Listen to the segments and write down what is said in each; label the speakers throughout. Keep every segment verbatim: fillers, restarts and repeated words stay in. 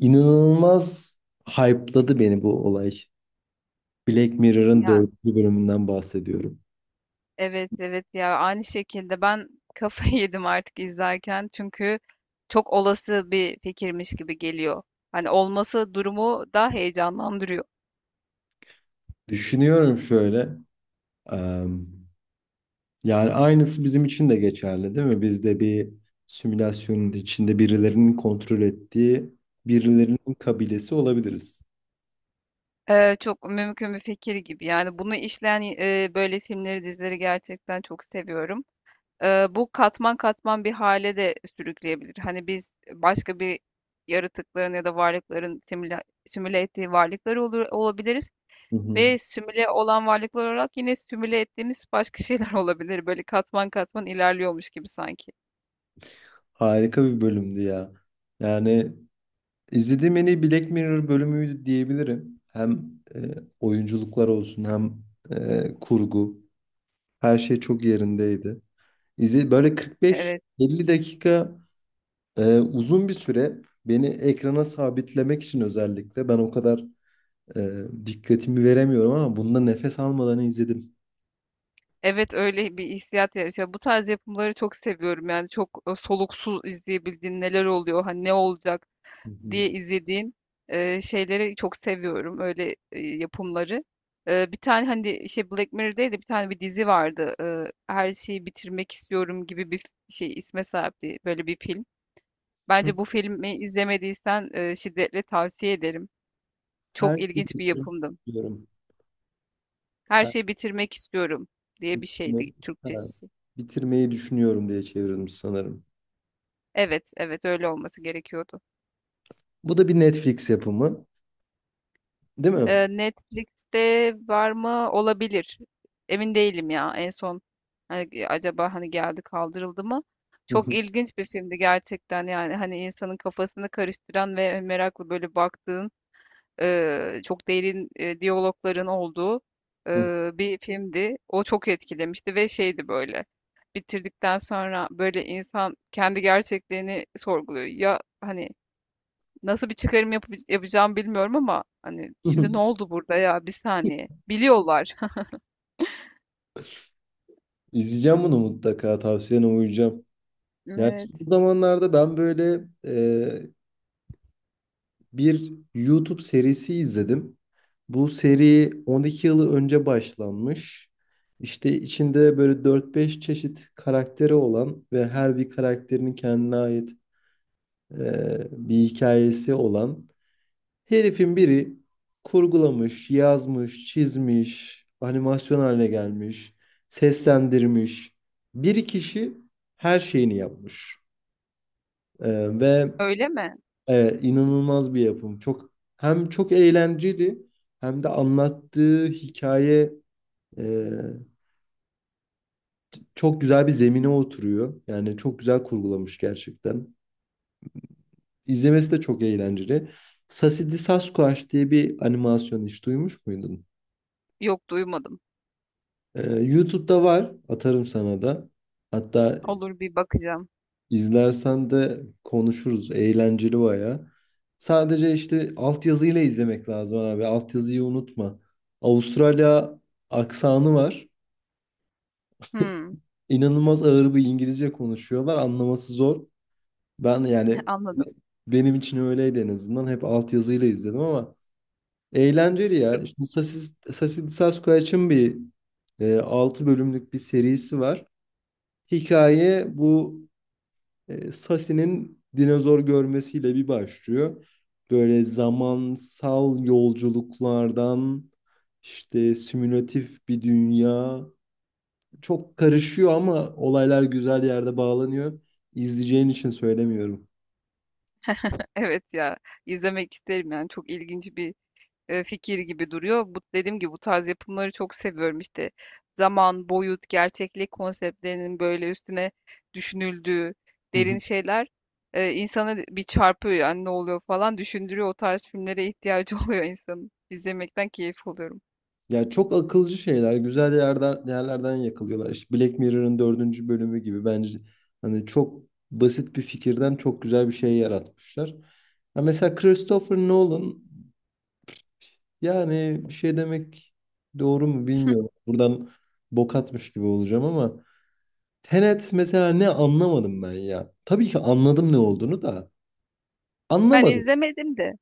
Speaker 1: İnanılmaz hype'ladı beni bu olay. Black Mirror'ın
Speaker 2: Ya
Speaker 1: dördüncü bölümünden bahsediyorum.
Speaker 2: evet evet, ya aynı şekilde ben kafayı yedim artık izlerken, çünkü çok olası bir fikirmiş gibi geliyor. Hani olması durumu daha heyecanlandırıyor.
Speaker 1: Düşünüyorum şöyle. em, yani aynısı bizim için de geçerli değil mi? Biz de bir simülasyonun içinde birilerinin kontrol ettiği birilerinin kabilesi olabiliriz.
Speaker 2: Ee, çok mümkün bir fikir gibi. Yani bunu işleyen e, böyle filmleri, dizileri gerçekten çok seviyorum. Ee, bu katman katman bir hale de sürükleyebilir. Hani biz başka bir yaratıkların ya da varlıkların simüle, simüle ettiği varlıklar olur, olabiliriz.
Speaker 1: Hı hı.
Speaker 2: Ve simüle olan varlıklar olarak yine simüle ettiğimiz başka şeyler olabilir. Böyle katman katman ilerliyormuş gibi sanki.
Speaker 1: Harika bir bölümdü ya. Yani izlediğim en iyi Black Mirror bölümüydü diyebilirim. Hem e, oyunculuklar olsun hem e, kurgu. Her şey çok yerindeydi. İzle böyle
Speaker 2: Evet.
Speaker 1: kırk beş elli dakika e, uzun bir süre beni ekrana sabitlemek için özellikle ben o kadar e, dikkatimi veremiyorum ama bunda nefes almadan izledim.
Speaker 2: Evet, öyle bir hissiyat yaratıyor. Bu tarz yapımları çok seviyorum. Yani çok e, soluksuz izleyebildiğin neler oluyor, hani ne olacak
Speaker 1: Hı hı.
Speaker 2: diye izlediğin e, şeyleri çok seviyorum. Öyle e, yapımları. E, bir tane hani şey Black Mirror'daydı, bir tane bir dizi vardı. E, her şeyi bitirmek istiyorum gibi bir şey isme sahipti. Böyle bir film.
Speaker 1: Hı.
Speaker 2: Bence bu filmi izlemediysen e, şiddetle tavsiye ederim.
Speaker 1: Her
Speaker 2: Çok
Speaker 1: şeyi
Speaker 2: ilginç bir yapımdı.
Speaker 1: bitirmiyorum.
Speaker 2: Her
Speaker 1: Her
Speaker 2: şeyi bitirmek istiyorum diye bir
Speaker 1: bitirme-
Speaker 2: şeydi
Speaker 1: ha,
Speaker 2: Türkçesi.
Speaker 1: bitirmeyi düşünüyorum diye çevrilmiş sanırım.
Speaker 2: Evet, evet, öyle olması gerekiyordu.
Speaker 1: Bu da bir Netflix yapımı, değil mi?
Speaker 2: E, Netflix'te var mı? Olabilir. Emin değilim ya. En son hani acaba hani geldi, kaldırıldı mı?
Speaker 1: Hı
Speaker 2: Çok
Speaker 1: hı.
Speaker 2: ilginç bir filmdi gerçekten, yani hani insanın kafasını karıştıran ve merakla böyle baktığın, eee, çok derin eee, diyalogların olduğu
Speaker 1: Hı.
Speaker 2: eee, bir filmdi. O çok etkilemişti ve şeydi böyle. Bitirdikten sonra böyle insan kendi gerçekliğini sorguluyor. Ya hani nasıl bir çıkarım yapı- yapacağım bilmiyorum, ama hani şimdi ne oldu burada, ya bir saniye. Biliyorlar.
Speaker 1: İzleyeceğim bunu mutlaka. Tavsiyene uyacağım. Yani
Speaker 2: Evet.
Speaker 1: bu zamanlarda ben böyle e, bir YouTube serisi izledim. Bu seri on iki yılı önce başlanmış. İşte içinde böyle dört beş çeşit karakteri olan ve her bir karakterinin kendine ait e, bir hikayesi olan herifin biri kurgulamış, yazmış, çizmiş, animasyon haline gelmiş, seslendirmiş. Bir kişi her şeyini yapmış. E, ve
Speaker 2: Öyle mi?
Speaker 1: Evet, inanılmaz bir yapım. Çok hem çok eğlenceli hem de anlattığı hikaye e, çok güzel bir zemine oturuyor. Yani çok güzel kurgulamış gerçekten. İzlemesi de çok eğlenceli. Sassy Sasquatch diye bir animasyon hiç duymuş muydun?
Speaker 2: Yok, duymadım.
Speaker 1: E, YouTube'da var. Atarım sana da. Hatta
Speaker 2: Olur, bir bakacağım.
Speaker 1: İzlersen de konuşuruz. Eğlenceli baya. Sadece işte altyazıyla izlemek lazım abi. Altyazıyı unutma. Avustralya aksanı var.
Speaker 2: Hmm,
Speaker 1: İnanılmaz ağır bir İngilizce konuşuyorlar. Anlaması zor. Ben yani
Speaker 2: anladım.
Speaker 1: benim için öyleydi en azından. Hep altyazıyla izledim ama eğlenceli ya. İşte Sasis, Sassy Sasquatch'ın bir e, altı bölümlük bir serisi var. Hikaye bu. E, Sasi'nin dinozor görmesiyle bir başlıyor. Böyle zamansal yolculuklardan işte simülatif bir dünya çok karışıyor ama olaylar güzel yerde bağlanıyor. İzleyeceğin için söylemiyorum.
Speaker 2: Evet ya, izlemek isterim yani. Çok ilginç bir e, fikir gibi duruyor. Bu, dediğim gibi, bu tarz yapımları çok seviyorum. İşte zaman, boyut, gerçeklik konseptlerinin böyle üstüne düşünüldüğü
Speaker 1: Hı
Speaker 2: derin
Speaker 1: hı.
Speaker 2: şeyler e, insanı bir çarpıyor, yani ne oluyor falan düşündürüyor. O tarz filmlere ihtiyacı oluyor insanın. İzlemekten keyif alıyorum.
Speaker 1: Ya çok akılcı şeyler, güzel yerden yerlerden yakalıyorlar. İşte Black Mirror'ın dördüncü bölümü gibi bence hani çok basit bir fikirden çok güzel bir şey yaratmışlar. Ya mesela Christopher Nolan. Yani bir şey demek doğru mu bilmiyorum. Buradan bok atmış gibi olacağım ama Tenet mesela ne anlamadım ben ya. Tabii ki anladım ne olduğunu da
Speaker 2: Ben
Speaker 1: anlamadım.
Speaker 2: izlemedim de.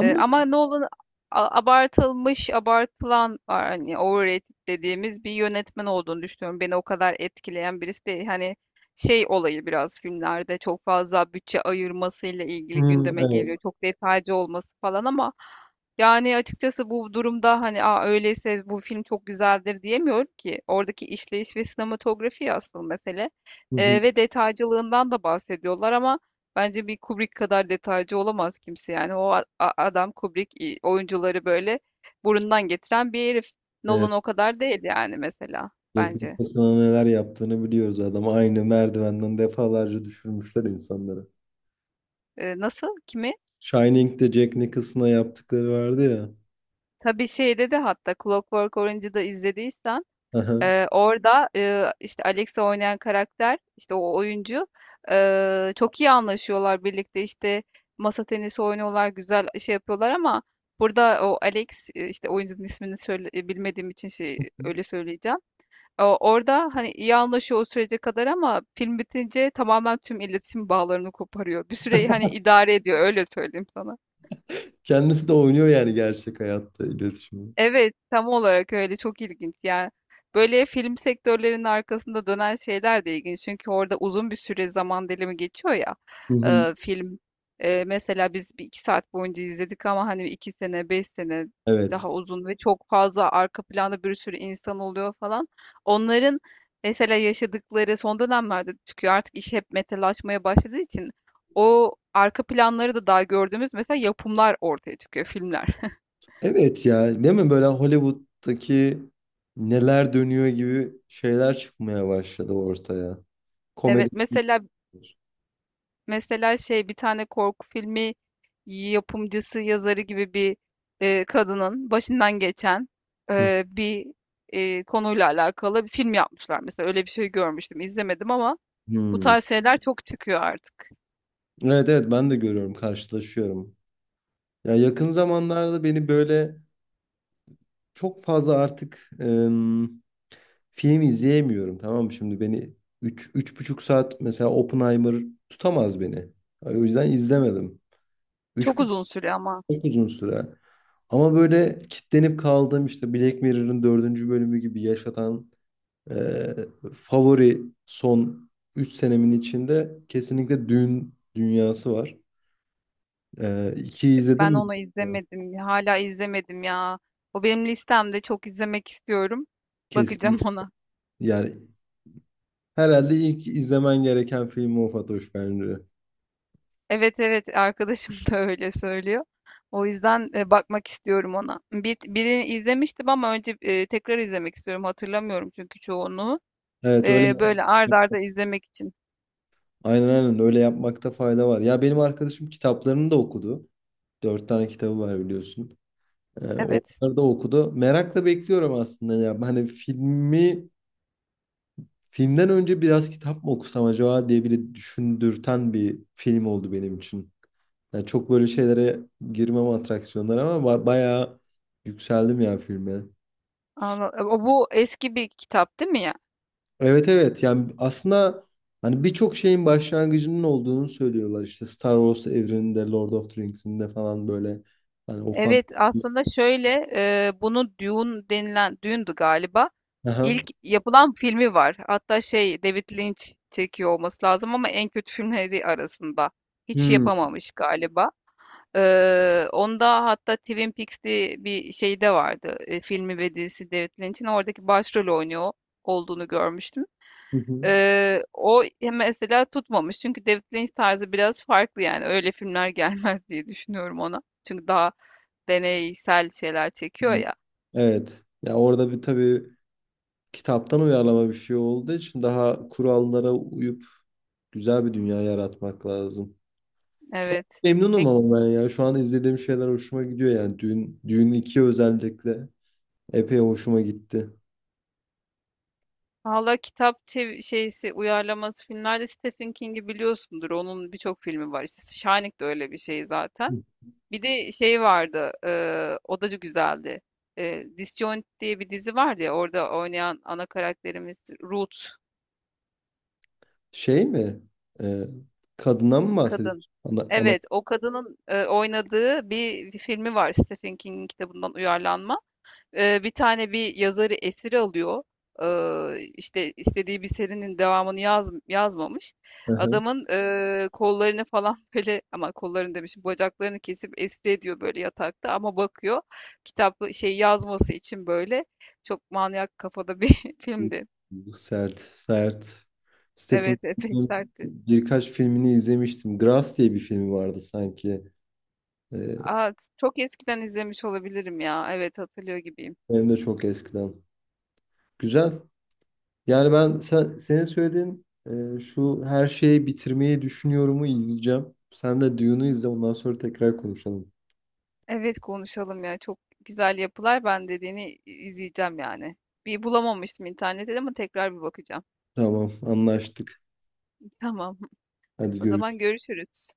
Speaker 2: Eee, ama Nolan a abartılmış, abartılan, hani, overrated dediğimiz bir yönetmen olduğunu düşünüyorum. Beni o kadar etkileyen birisi değil. Hani şey olayı biraz filmlerde çok fazla bütçe ayırmasıyla ilgili
Speaker 1: Hmm,
Speaker 2: gündeme
Speaker 1: evet.
Speaker 2: geliyor. Çok detaycı olması falan, ama yani açıkçası bu durumda hani, aa, öyleyse bu film çok güzeldir diyemiyorum ki. Oradaki işleyiş ve sinematografi asıl mesele.
Speaker 1: Hı hı.
Speaker 2: Eee, ve detaycılığından da bahsediyorlar, ama bence bir Kubrick kadar detaycı olamaz kimse, yani. O a- a- adam Kubrick, i- oyuncuları böyle burundan getiren bir herif. Nolan
Speaker 1: Evet.
Speaker 2: o kadar değil yani, mesela,
Speaker 1: Jack
Speaker 2: bence.
Speaker 1: Nicholson'a neler yaptığını biliyoruz adam. Aynı merdivenden defalarca düşürmüşler insanları.
Speaker 2: Ee, nasıl? Kimi?
Speaker 1: Shining'de Jack Nicholson'a yaptıkları vardı ya.
Speaker 2: Tabii şeyde de, hatta Clockwork Orange'ı da izlediysen,
Speaker 1: Aha.
Speaker 2: e, orada e, işte Alex'i oynayan karakter, işte o oyuncu e, çok iyi anlaşıyorlar birlikte, işte masa tenisi oynuyorlar, güzel şey yapıyorlar, ama burada o Alex, e, işte oyuncunun ismini söyle, e, bilmediğim için şey öyle söyleyeceğim. O- Orada hani iyi anlaşıyor o sürece kadar, ama film bitince tamamen tüm iletişim bağlarını koparıyor. Bir süre hani idare ediyor, öyle söyleyeyim sana.
Speaker 1: Kendisi de oynuyor yani gerçek hayatta iletişimi.
Speaker 2: Evet, tam olarak öyle, çok ilginç yani. Böyle film sektörlerinin arkasında dönen şeyler de ilginç. Çünkü orada uzun bir süre zaman dilimi geçiyor ya
Speaker 1: Hı hı.
Speaker 2: e, film. E, mesela biz bir iki saat boyunca izledik, ama hani iki sene, beş sene,
Speaker 1: Evet.
Speaker 2: daha uzun ve çok fazla arka planda bir sürü insan oluyor falan. Onların mesela yaşadıkları son dönemlerde çıkıyor. Artık iş hep metalaşmaya başladığı için o arka planları da daha gördüğümüz mesela yapımlar ortaya çıkıyor, filmler.
Speaker 1: Evet ya değil mi böyle Hollywood'daki neler dönüyor gibi şeyler çıkmaya başladı ortaya. Komedi
Speaker 2: Evet, mesela,
Speaker 1: filmler.
Speaker 2: mesela şey bir tane korku filmi yapımcısı, yazarı gibi bir e, kadının başından geçen
Speaker 1: Hı
Speaker 2: e, bir e, konuyla alakalı bir film yapmışlar. Mesela öyle bir şey görmüştüm, izlemedim, ama bu
Speaker 1: hı.
Speaker 2: tarz şeyler çok çıkıyor artık.
Speaker 1: Evet, evet, ben de görüyorum karşılaşıyorum. Ya yakın zamanlarda beni böyle çok fazla artık em, film izleyemiyorum tamam mı? Şimdi beni üç, üç buçuk saat mesela Oppenheimer tutamaz beni. O yüzden izlemedim. Üç
Speaker 2: Çok uzun sürüyor ama.
Speaker 1: Çok uzun süre. Ama böyle kitlenip kaldığım işte Black Mirror'ın dördüncü bölümü gibi yaşatan e, favori son üç senemin içinde kesinlikle Dün dünyası var. E, ikiyi izledin
Speaker 2: Ben
Speaker 1: mi?
Speaker 2: onu izlemedim. Hala izlemedim ya. O benim listemde, çok izlemek istiyorum. Bakacağım
Speaker 1: Kesin.
Speaker 2: ona.
Speaker 1: Yani herhalde ilk izlemen gereken film o Fatoş bence.
Speaker 2: Evet evet, arkadaşım da öyle söylüyor. O yüzden e, bakmak istiyorum ona. Bir, birini izlemiştim, ama önce e, tekrar izlemek istiyorum. Hatırlamıyorum çünkü çoğunu.
Speaker 1: Evet öyle.
Speaker 2: E, böyle ard arda izlemek için.
Speaker 1: Aynen, aynen, öyle yapmakta fayda var. Ya benim arkadaşım kitaplarını da okudu. Dört tane kitabı var biliyorsun. Ee,
Speaker 2: Evet.
Speaker 1: Onları da okudu. Merakla bekliyorum aslında ya. Hani filmi filmden önce biraz kitap mı okusam acaba diye bile düşündürten bir film oldu benim için. Yani çok böyle şeylere girmem atraksiyonlara ama ba- bayağı yükseldim ya filme.
Speaker 2: Anla- O, bu eski bir kitap değil mi ya?
Speaker 1: Evet, evet, yani aslında hani birçok şeyin başlangıcının olduğunu söylüyorlar işte Star Wars evreninde, Lord of the Rings'inde falan böyle hani o fan.
Speaker 2: Evet, aslında şöyle, e, bunu Dune denilen Dune'du galiba.
Speaker 1: Aha.
Speaker 2: İlk yapılan filmi var. Hatta şey David Lynch çekiyor olması lazım, ama en kötü filmleri arasında. Hiç
Speaker 1: Hmm.
Speaker 2: yapamamış galiba. Ee, onda hatta Twin Peaks diye bir şey de vardı. E, filmi ve dizisi, David Lynch'in oradaki başrol oynuyor olduğunu görmüştüm.
Speaker 1: Hı hı.
Speaker 2: Ee, o mesela tutmamış. Çünkü David Lynch tarzı biraz farklı, yani. Öyle filmler gelmez diye düşünüyorum ona. Çünkü daha deneysel şeyler çekiyor ya.
Speaker 1: Evet. Ya orada bir tabii kitaptan uyarlama bir şey olduğu için daha kurallara uyup güzel bir dünya yaratmak lazım. Şu an
Speaker 2: Evet.
Speaker 1: memnunum
Speaker 2: Peki.
Speaker 1: ama ben ya. Şu an izlediğim şeyler hoşuma gidiyor yani. Düğün, düğün iki özellikle epey hoşuma gitti.
Speaker 2: Valla kitap çev- şeysi uyarlaması filmlerde Stephen King'i biliyorsundur. Onun birçok filmi var. İşte Shining de öyle bir şey zaten.
Speaker 1: Hı.
Speaker 2: Bir de şey vardı. Eee, o da güzeldi. Eee Disjoint diye bir dizi vardı ya. Orada oynayan ana karakterimiz Ruth
Speaker 1: Şey mi? Ee, kadına mı
Speaker 2: kadın.
Speaker 1: bahsediyorsun? Ana, ana.
Speaker 2: Evet, o kadının e, oynadığı bir, bir filmi var Stephen King'in kitabından uyarlanma. E, bir tane bir yazarı esir alıyor. Ee, işte istediği bir serinin devamını yaz, yazmamış.
Speaker 1: Hı hı.
Speaker 2: Adamın e, kollarını falan böyle, ama kollarını demişim, bacaklarını kesip esir ediyor böyle yatakta, ama bakıyor kitapı şey yazması için böyle, çok manyak kafada bir filmdi.
Speaker 1: Sert, sert. Stephen
Speaker 2: Evet, epey
Speaker 1: King'in
Speaker 2: sertti.
Speaker 1: birkaç filmini izlemiştim. Grass diye bir filmi vardı sanki. Ee,
Speaker 2: Aa, çok eskiden izlemiş olabilirim ya. Evet, hatırlıyor gibiyim.
Speaker 1: hem de çok eskiden. Güzel. Yani ben sen, senin söylediğin e, şu her şeyi bitirmeyi düşünüyorumu izleyeceğim. Sen de Dune'u izle ondan sonra tekrar konuşalım.
Speaker 2: Evet, konuşalım ya. Çok güzel yapılar. Ben dediğini izleyeceğim yani. Bir bulamamıştım internette, ama tekrar bir bakacağım.
Speaker 1: Tamam anlaştık.
Speaker 2: Tamam.
Speaker 1: Hadi
Speaker 2: O zaman
Speaker 1: görüşürüz.
Speaker 2: görüşürüz.